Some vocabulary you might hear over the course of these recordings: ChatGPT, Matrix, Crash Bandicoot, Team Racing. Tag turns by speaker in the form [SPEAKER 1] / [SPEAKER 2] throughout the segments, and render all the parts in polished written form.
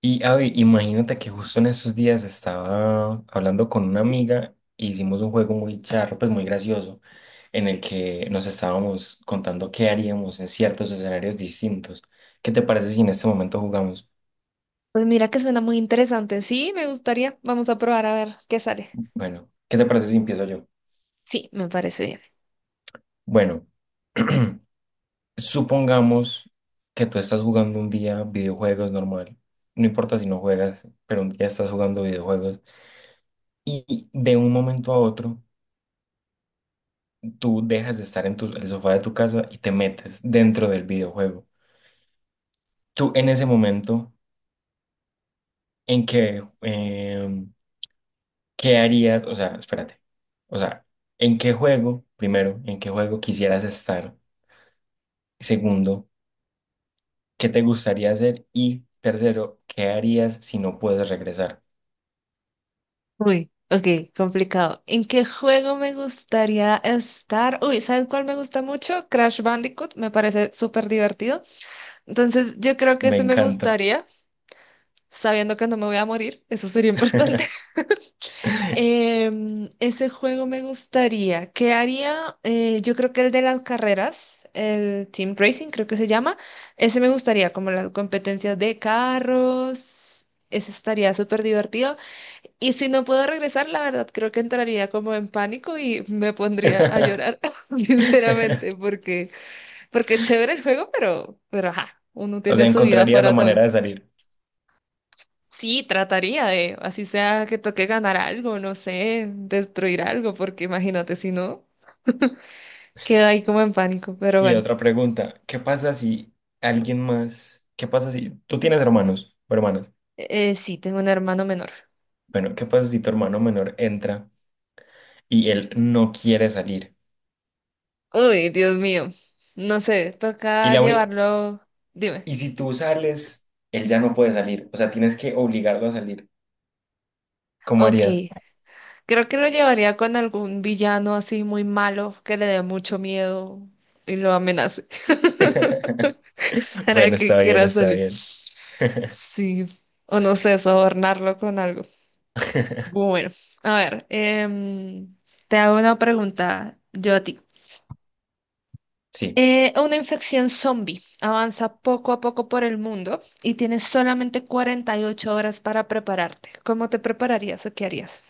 [SPEAKER 1] Y Avi, imagínate que justo en esos días estaba hablando con una amiga e hicimos un juego muy charro, pues muy gracioso, en el que nos estábamos contando qué haríamos en ciertos escenarios distintos. ¿Qué te parece si en este momento jugamos?
[SPEAKER 2] Pues mira que suena muy interesante. Sí, me gustaría. Vamos a probar a ver qué sale.
[SPEAKER 1] Bueno, ¿qué te parece si empiezo yo?
[SPEAKER 2] Sí, me parece bien.
[SPEAKER 1] Bueno, supongamos que tú estás jugando un día videojuegos normal. No importa si no juegas, pero un día estás jugando videojuegos y de un momento a otro tú dejas de estar en el sofá de tu casa y te metes dentro del videojuego. Tú en ese momento, ¿en qué, eh, qué harías? O sea, espérate. O sea, ¿en qué juego, primero, en qué juego quisieras estar? Segundo, ¿qué te gustaría hacer? Y tercero, ¿qué harías si no puedes regresar?
[SPEAKER 2] Uy, ok, complicado. ¿En qué juego me gustaría estar? Uy, ¿sabes cuál me gusta mucho? Crash Bandicoot, me parece súper divertido. Entonces, yo creo que
[SPEAKER 1] Me
[SPEAKER 2] ese me
[SPEAKER 1] encanta.
[SPEAKER 2] gustaría, sabiendo que no me voy a morir. Eso sería importante. Ese juego me gustaría. ¿Qué haría? Yo creo que el de las carreras, el Team Racing, creo que se llama. Ese me gustaría, como las competencias de carros. Ese estaría súper divertido. Y si no puedo regresar, la verdad, creo que entraría como en pánico y me pondría a llorar, sinceramente, porque es chévere el juego, pero ajá, uno
[SPEAKER 1] O sea,
[SPEAKER 2] tiene su vida
[SPEAKER 1] encontrarías la
[SPEAKER 2] afuera también.
[SPEAKER 1] manera de salir.
[SPEAKER 2] Sí, trataría de, así sea que toque ganar algo, no sé, destruir algo, porque imagínate, si no, queda ahí como en pánico. Pero
[SPEAKER 1] Y
[SPEAKER 2] bueno,
[SPEAKER 1] otra pregunta, ¿qué pasa si tú tienes hermanos o hermanas?
[SPEAKER 2] sí, tengo un hermano menor.
[SPEAKER 1] Bueno, ¿qué pasa si tu hermano menor entra y él no quiere salir?
[SPEAKER 2] Uy, Dios mío, no sé,
[SPEAKER 1] Y,
[SPEAKER 2] toca
[SPEAKER 1] la uni-
[SPEAKER 2] llevarlo, dime.
[SPEAKER 1] y si tú sales, él ya no puede salir. O sea, tienes que obligarlo a salir. ¿Cómo
[SPEAKER 2] Ok,
[SPEAKER 1] harías?
[SPEAKER 2] creo que lo llevaría con algún villano así muy malo que le dé mucho miedo y lo amenace para
[SPEAKER 1] Bueno,
[SPEAKER 2] que
[SPEAKER 1] está bien,
[SPEAKER 2] quiera
[SPEAKER 1] está
[SPEAKER 2] salir.
[SPEAKER 1] bien.
[SPEAKER 2] Sí, o no sé, sobornarlo con algo. Bueno, a ver, te hago una pregunta yo a ti.
[SPEAKER 1] Sí.
[SPEAKER 2] Una infección zombie avanza poco a poco por el mundo y tienes solamente 48 horas para prepararte. ¿Cómo te prepararías o qué harías?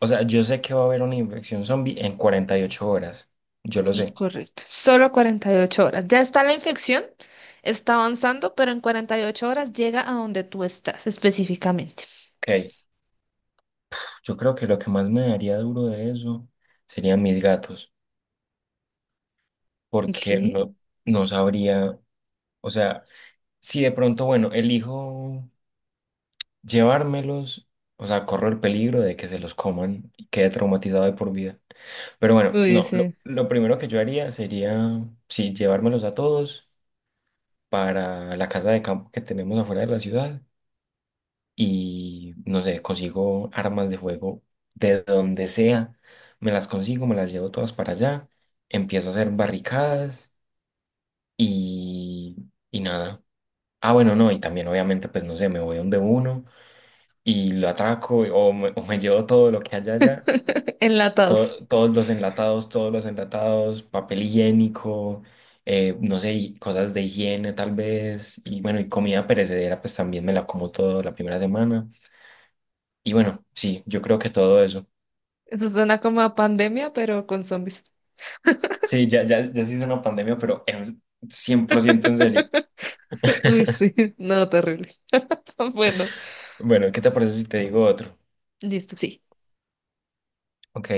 [SPEAKER 1] O sea, yo sé que va a haber una infección zombie en 48 horas. Yo lo
[SPEAKER 2] Sí,
[SPEAKER 1] sé.
[SPEAKER 2] correcto. Solo 48 horas. Ya está la infección, está avanzando, pero en 48 horas llega a donde tú estás específicamente.
[SPEAKER 1] Ok. Yo creo que lo que más me daría duro de eso serían mis gatos. Porque
[SPEAKER 2] Ok.
[SPEAKER 1] no, no sabría. O sea, si de pronto, bueno, elijo llevármelos, o sea, corro el peligro de que se los coman y quede traumatizado de por vida. Pero bueno,
[SPEAKER 2] Uy,
[SPEAKER 1] no, lo,
[SPEAKER 2] sí.
[SPEAKER 1] lo primero que yo haría sería, sí, llevármelos a todos para la casa de campo que tenemos afuera de la ciudad y, no sé, consigo armas de fuego de donde sea, me las consigo, me las llevo todas para allá, empiezo a hacer barricadas y, y nada. Ah, bueno, no, y también obviamente, pues no sé, me voy donde uno y lo atraco o me llevo todo lo que haya allá,
[SPEAKER 2] Enlatados.
[SPEAKER 1] todos los enlatados, papel higiénico, no sé, y cosas de higiene tal vez, y bueno, y comida perecedera, pues también me la como todo la primera semana. Y bueno, sí, yo creo que todo eso.
[SPEAKER 2] Eso suena como a pandemia, pero con zombies.
[SPEAKER 1] Sí, ya, ya, ya se hizo una pandemia, pero en 100% en serio.
[SPEAKER 2] Uy, sí, no, terrible. Bueno,
[SPEAKER 1] Bueno, ¿qué te parece si te digo otro?
[SPEAKER 2] listo, sí.
[SPEAKER 1] Ok,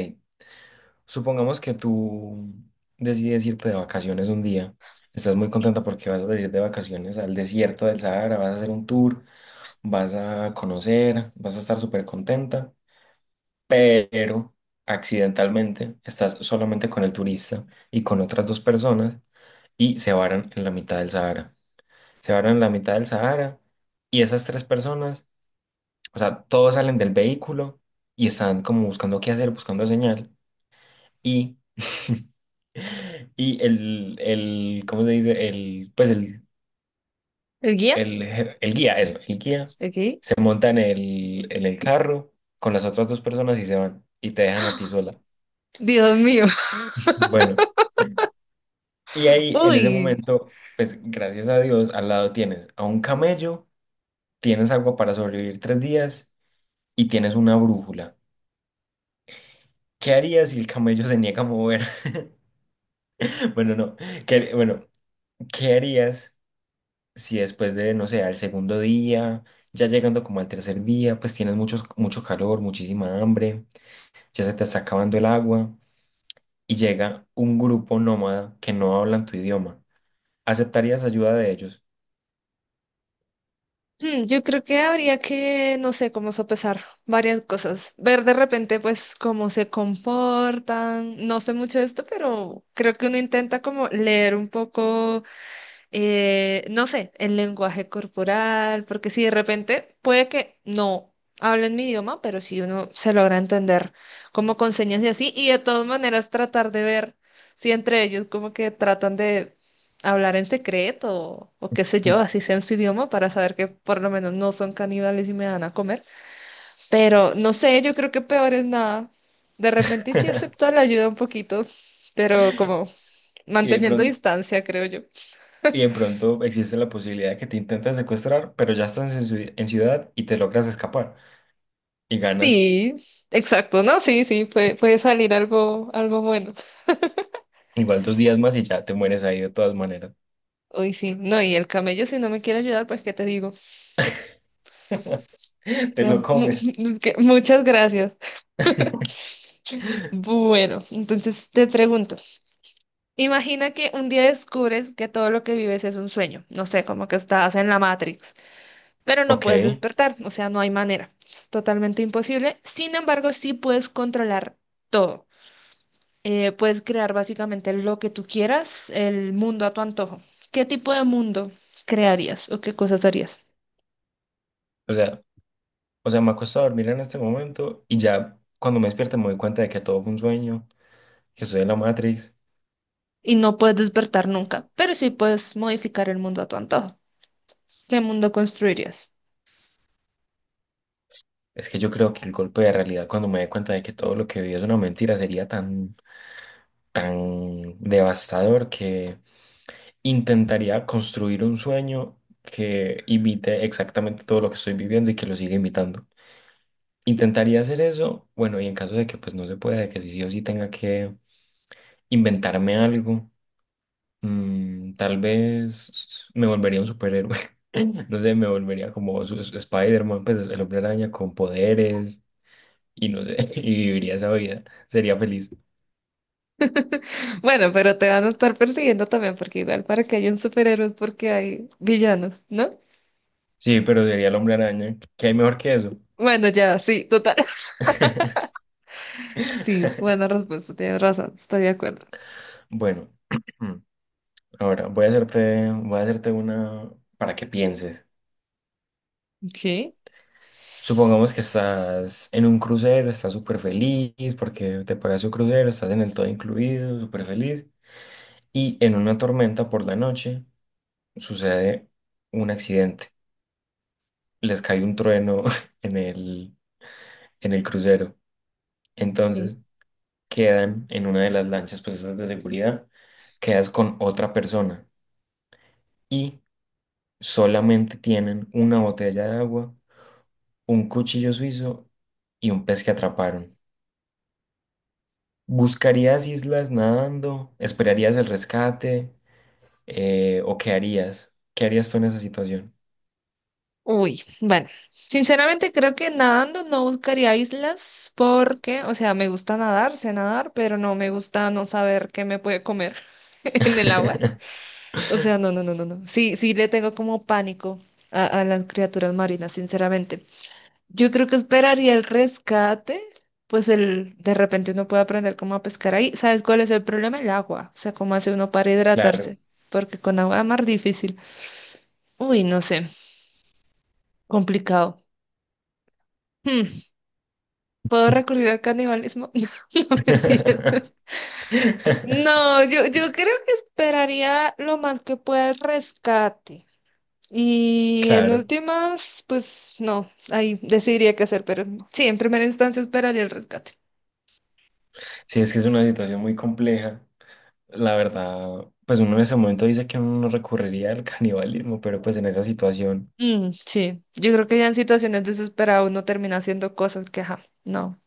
[SPEAKER 1] supongamos que tú decides irte de vacaciones un día. Estás muy contenta porque vas a ir de vacaciones al desierto del Sahara, vas a hacer un tour, vas a conocer, vas a estar súper contenta, pero accidentalmente estás solamente con el turista y con otras dos personas y se varan en la mitad del Sahara. Se varan en la mitad del Sahara y esas tres personas, o sea, todos salen del vehículo y están como buscando qué hacer, buscando señal. Y, y ¿cómo se dice? El, pues
[SPEAKER 2] ¿El guía?
[SPEAKER 1] el, je- el guía, eso, el guía
[SPEAKER 2] Ok.
[SPEAKER 1] se monta en el carro con las otras dos personas y se van y te dejan a ti sola.
[SPEAKER 2] Dios mío.
[SPEAKER 1] Bueno, y ahí en ese
[SPEAKER 2] Uy.
[SPEAKER 1] momento, pues gracias a Dios, al lado tienes a un camello, tienes agua para sobrevivir 3 días y tienes una brújula. ¿Qué harías si el camello se niega a mover? Bueno, no. ¿Qué, bueno, ¿qué harías si después de, no sé, al segundo día, ya llegando como al tercer día, pues tienes muchos, mucho calor, muchísima hambre, ya se te está acabando el agua y llega un grupo nómada que no hablan tu idioma. ¿Aceptarías ayuda de ellos?
[SPEAKER 2] Yo creo que habría que, no sé, cómo sopesar varias cosas. Ver de repente, pues, cómo se comportan. No sé mucho de esto, pero creo que uno intenta como leer un poco no sé, el lenguaje corporal, porque si de repente puede que no hablen mi idioma, pero si uno se logra entender como con señas y así, y de todas maneras tratar de ver si entre ellos como que tratan de hablar en secreto o qué sé yo, así sea en su idioma para saber que por lo menos no son caníbales y me dan a comer. Pero no sé, yo creo que peor es nada. De repente sí acepto la ayuda un poquito, pero como
[SPEAKER 1] Y de
[SPEAKER 2] manteniendo
[SPEAKER 1] pronto,
[SPEAKER 2] distancia, creo yo.
[SPEAKER 1] y de pronto existe la posibilidad de que te intenten secuestrar, pero ya estás en ciudad y te logras escapar y ganas
[SPEAKER 2] Sí, exacto, no, sí, sí, puede salir algo, algo bueno.
[SPEAKER 1] igual 2 días más y ya te mueres ahí de todas maneras.
[SPEAKER 2] Uy, sí, no, y el camello si no me quiere ayudar, pues qué te digo.
[SPEAKER 1] Te
[SPEAKER 2] Ya,
[SPEAKER 1] lo comes.
[SPEAKER 2] Muchas gracias. Bueno, entonces te pregunto, imagina que un día descubres que todo lo que vives es un sueño, no sé, como que estás en la Matrix, pero no
[SPEAKER 1] Ok.
[SPEAKER 2] puedes despertar, o sea, no hay manera, es totalmente imposible. Sin embargo, sí puedes controlar todo. Puedes crear básicamente lo que tú quieras, el mundo a tu antojo. ¿Qué tipo de mundo crearías o qué cosas harías?
[SPEAKER 1] O sea, O sea, me acuesto a dormir en este momento y ya cuando me despierto me doy cuenta de que todo fue un sueño, que soy de la Matrix.
[SPEAKER 2] Y no puedes despertar nunca, pero sí puedes modificar el mundo a tu antojo. ¿Qué mundo construirías?
[SPEAKER 1] Es que yo creo que el golpe de realidad cuando me dé cuenta de que todo lo que vi es una mentira sería tan, tan devastador que intentaría construir un sueño que imite exactamente todo lo que estoy viviendo y que lo siga imitando. Intentaría hacer eso, bueno, y en caso de que pues no se pueda, de que sí o sí tenga que inventarme algo. Mm, tal vez me volvería un superhéroe. No sé, me volvería como Spider-Man, pues el hombre araña con poderes y no sé, y viviría esa vida. Sería feliz.
[SPEAKER 2] Bueno, pero te van a estar persiguiendo también, porque igual para que haya un superhéroe es porque hay villanos, ¿no?
[SPEAKER 1] Sí, pero sería el hombre araña. ¿Qué hay mejor que eso?
[SPEAKER 2] Bueno, ya, sí, total. Sí, buena respuesta, tienes razón, estoy de acuerdo.
[SPEAKER 1] Bueno, ahora voy a hacerte una para que pienses.
[SPEAKER 2] Ok,
[SPEAKER 1] Supongamos que estás en un crucero, estás súper feliz porque te pagas un crucero, estás en el todo incluido, súper feliz. Y en una tormenta por la noche sucede un accidente. Les cae un trueno en el crucero.
[SPEAKER 2] ok.
[SPEAKER 1] Entonces quedan en una de las lanchas, pues esas de seguridad, quedas con otra persona y solamente tienen una botella de agua, un cuchillo suizo y un pez que atraparon. ¿Buscarías islas nadando? ¿Esperarías el rescate? ¿O qué harías? ¿Qué harías tú en esa situación?
[SPEAKER 2] Uy, bueno, sinceramente creo que nadando no buscaría islas porque, o sea, me gusta nadar, sé nadar, pero no me gusta no saber qué me puede comer en el agua. O sea, no, no, no, no, no. Sí, sí le tengo como pánico a las criaturas marinas, sinceramente. Yo creo que esperaría el rescate, pues el, de repente uno puede aprender cómo a pescar ahí. ¿Sabes cuál es el problema? El agua, o sea, cómo hace uno para hidratarse,
[SPEAKER 1] Claro.
[SPEAKER 2] porque con agua más difícil. Uy, no sé, complicado. Hmm. ¿Puedo recurrir al canibalismo? No, no, mentira. No, yo creo que esperaría lo más que pueda el rescate. Y en
[SPEAKER 1] Claro.
[SPEAKER 2] últimas, pues no, ahí decidiría qué hacer, pero sí, en primera instancia esperaría el rescate.
[SPEAKER 1] Sí, es que es una situación muy compleja. La verdad, pues uno en ese momento dice que uno no recurriría al canibalismo, pero pues en esa situación
[SPEAKER 2] Mm, sí, yo, creo que ya en situaciones desesperadas uno termina haciendo cosas que, ajá, no,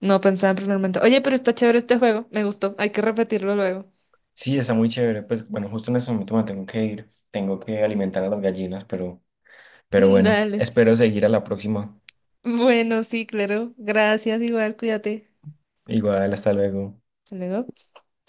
[SPEAKER 2] no pensaba en primer momento. Oye, pero está chévere este juego, me gustó, hay que repetirlo luego.
[SPEAKER 1] sí está muy chévere. Pues bueno, justo en ese momento me tengo que ir, tengo que alimentar a las gallinas, pero bueno,
[SPEAKER 2] Dale.
[SPEAKER 1] espero seguir a la próxima.
[SPEAKER 2] Bueno, sí, claro. Gracias, igual, cuídate.
[SPEAKER 1] Igual, hasta luego.
[SPEAKER 2] Hasta luego.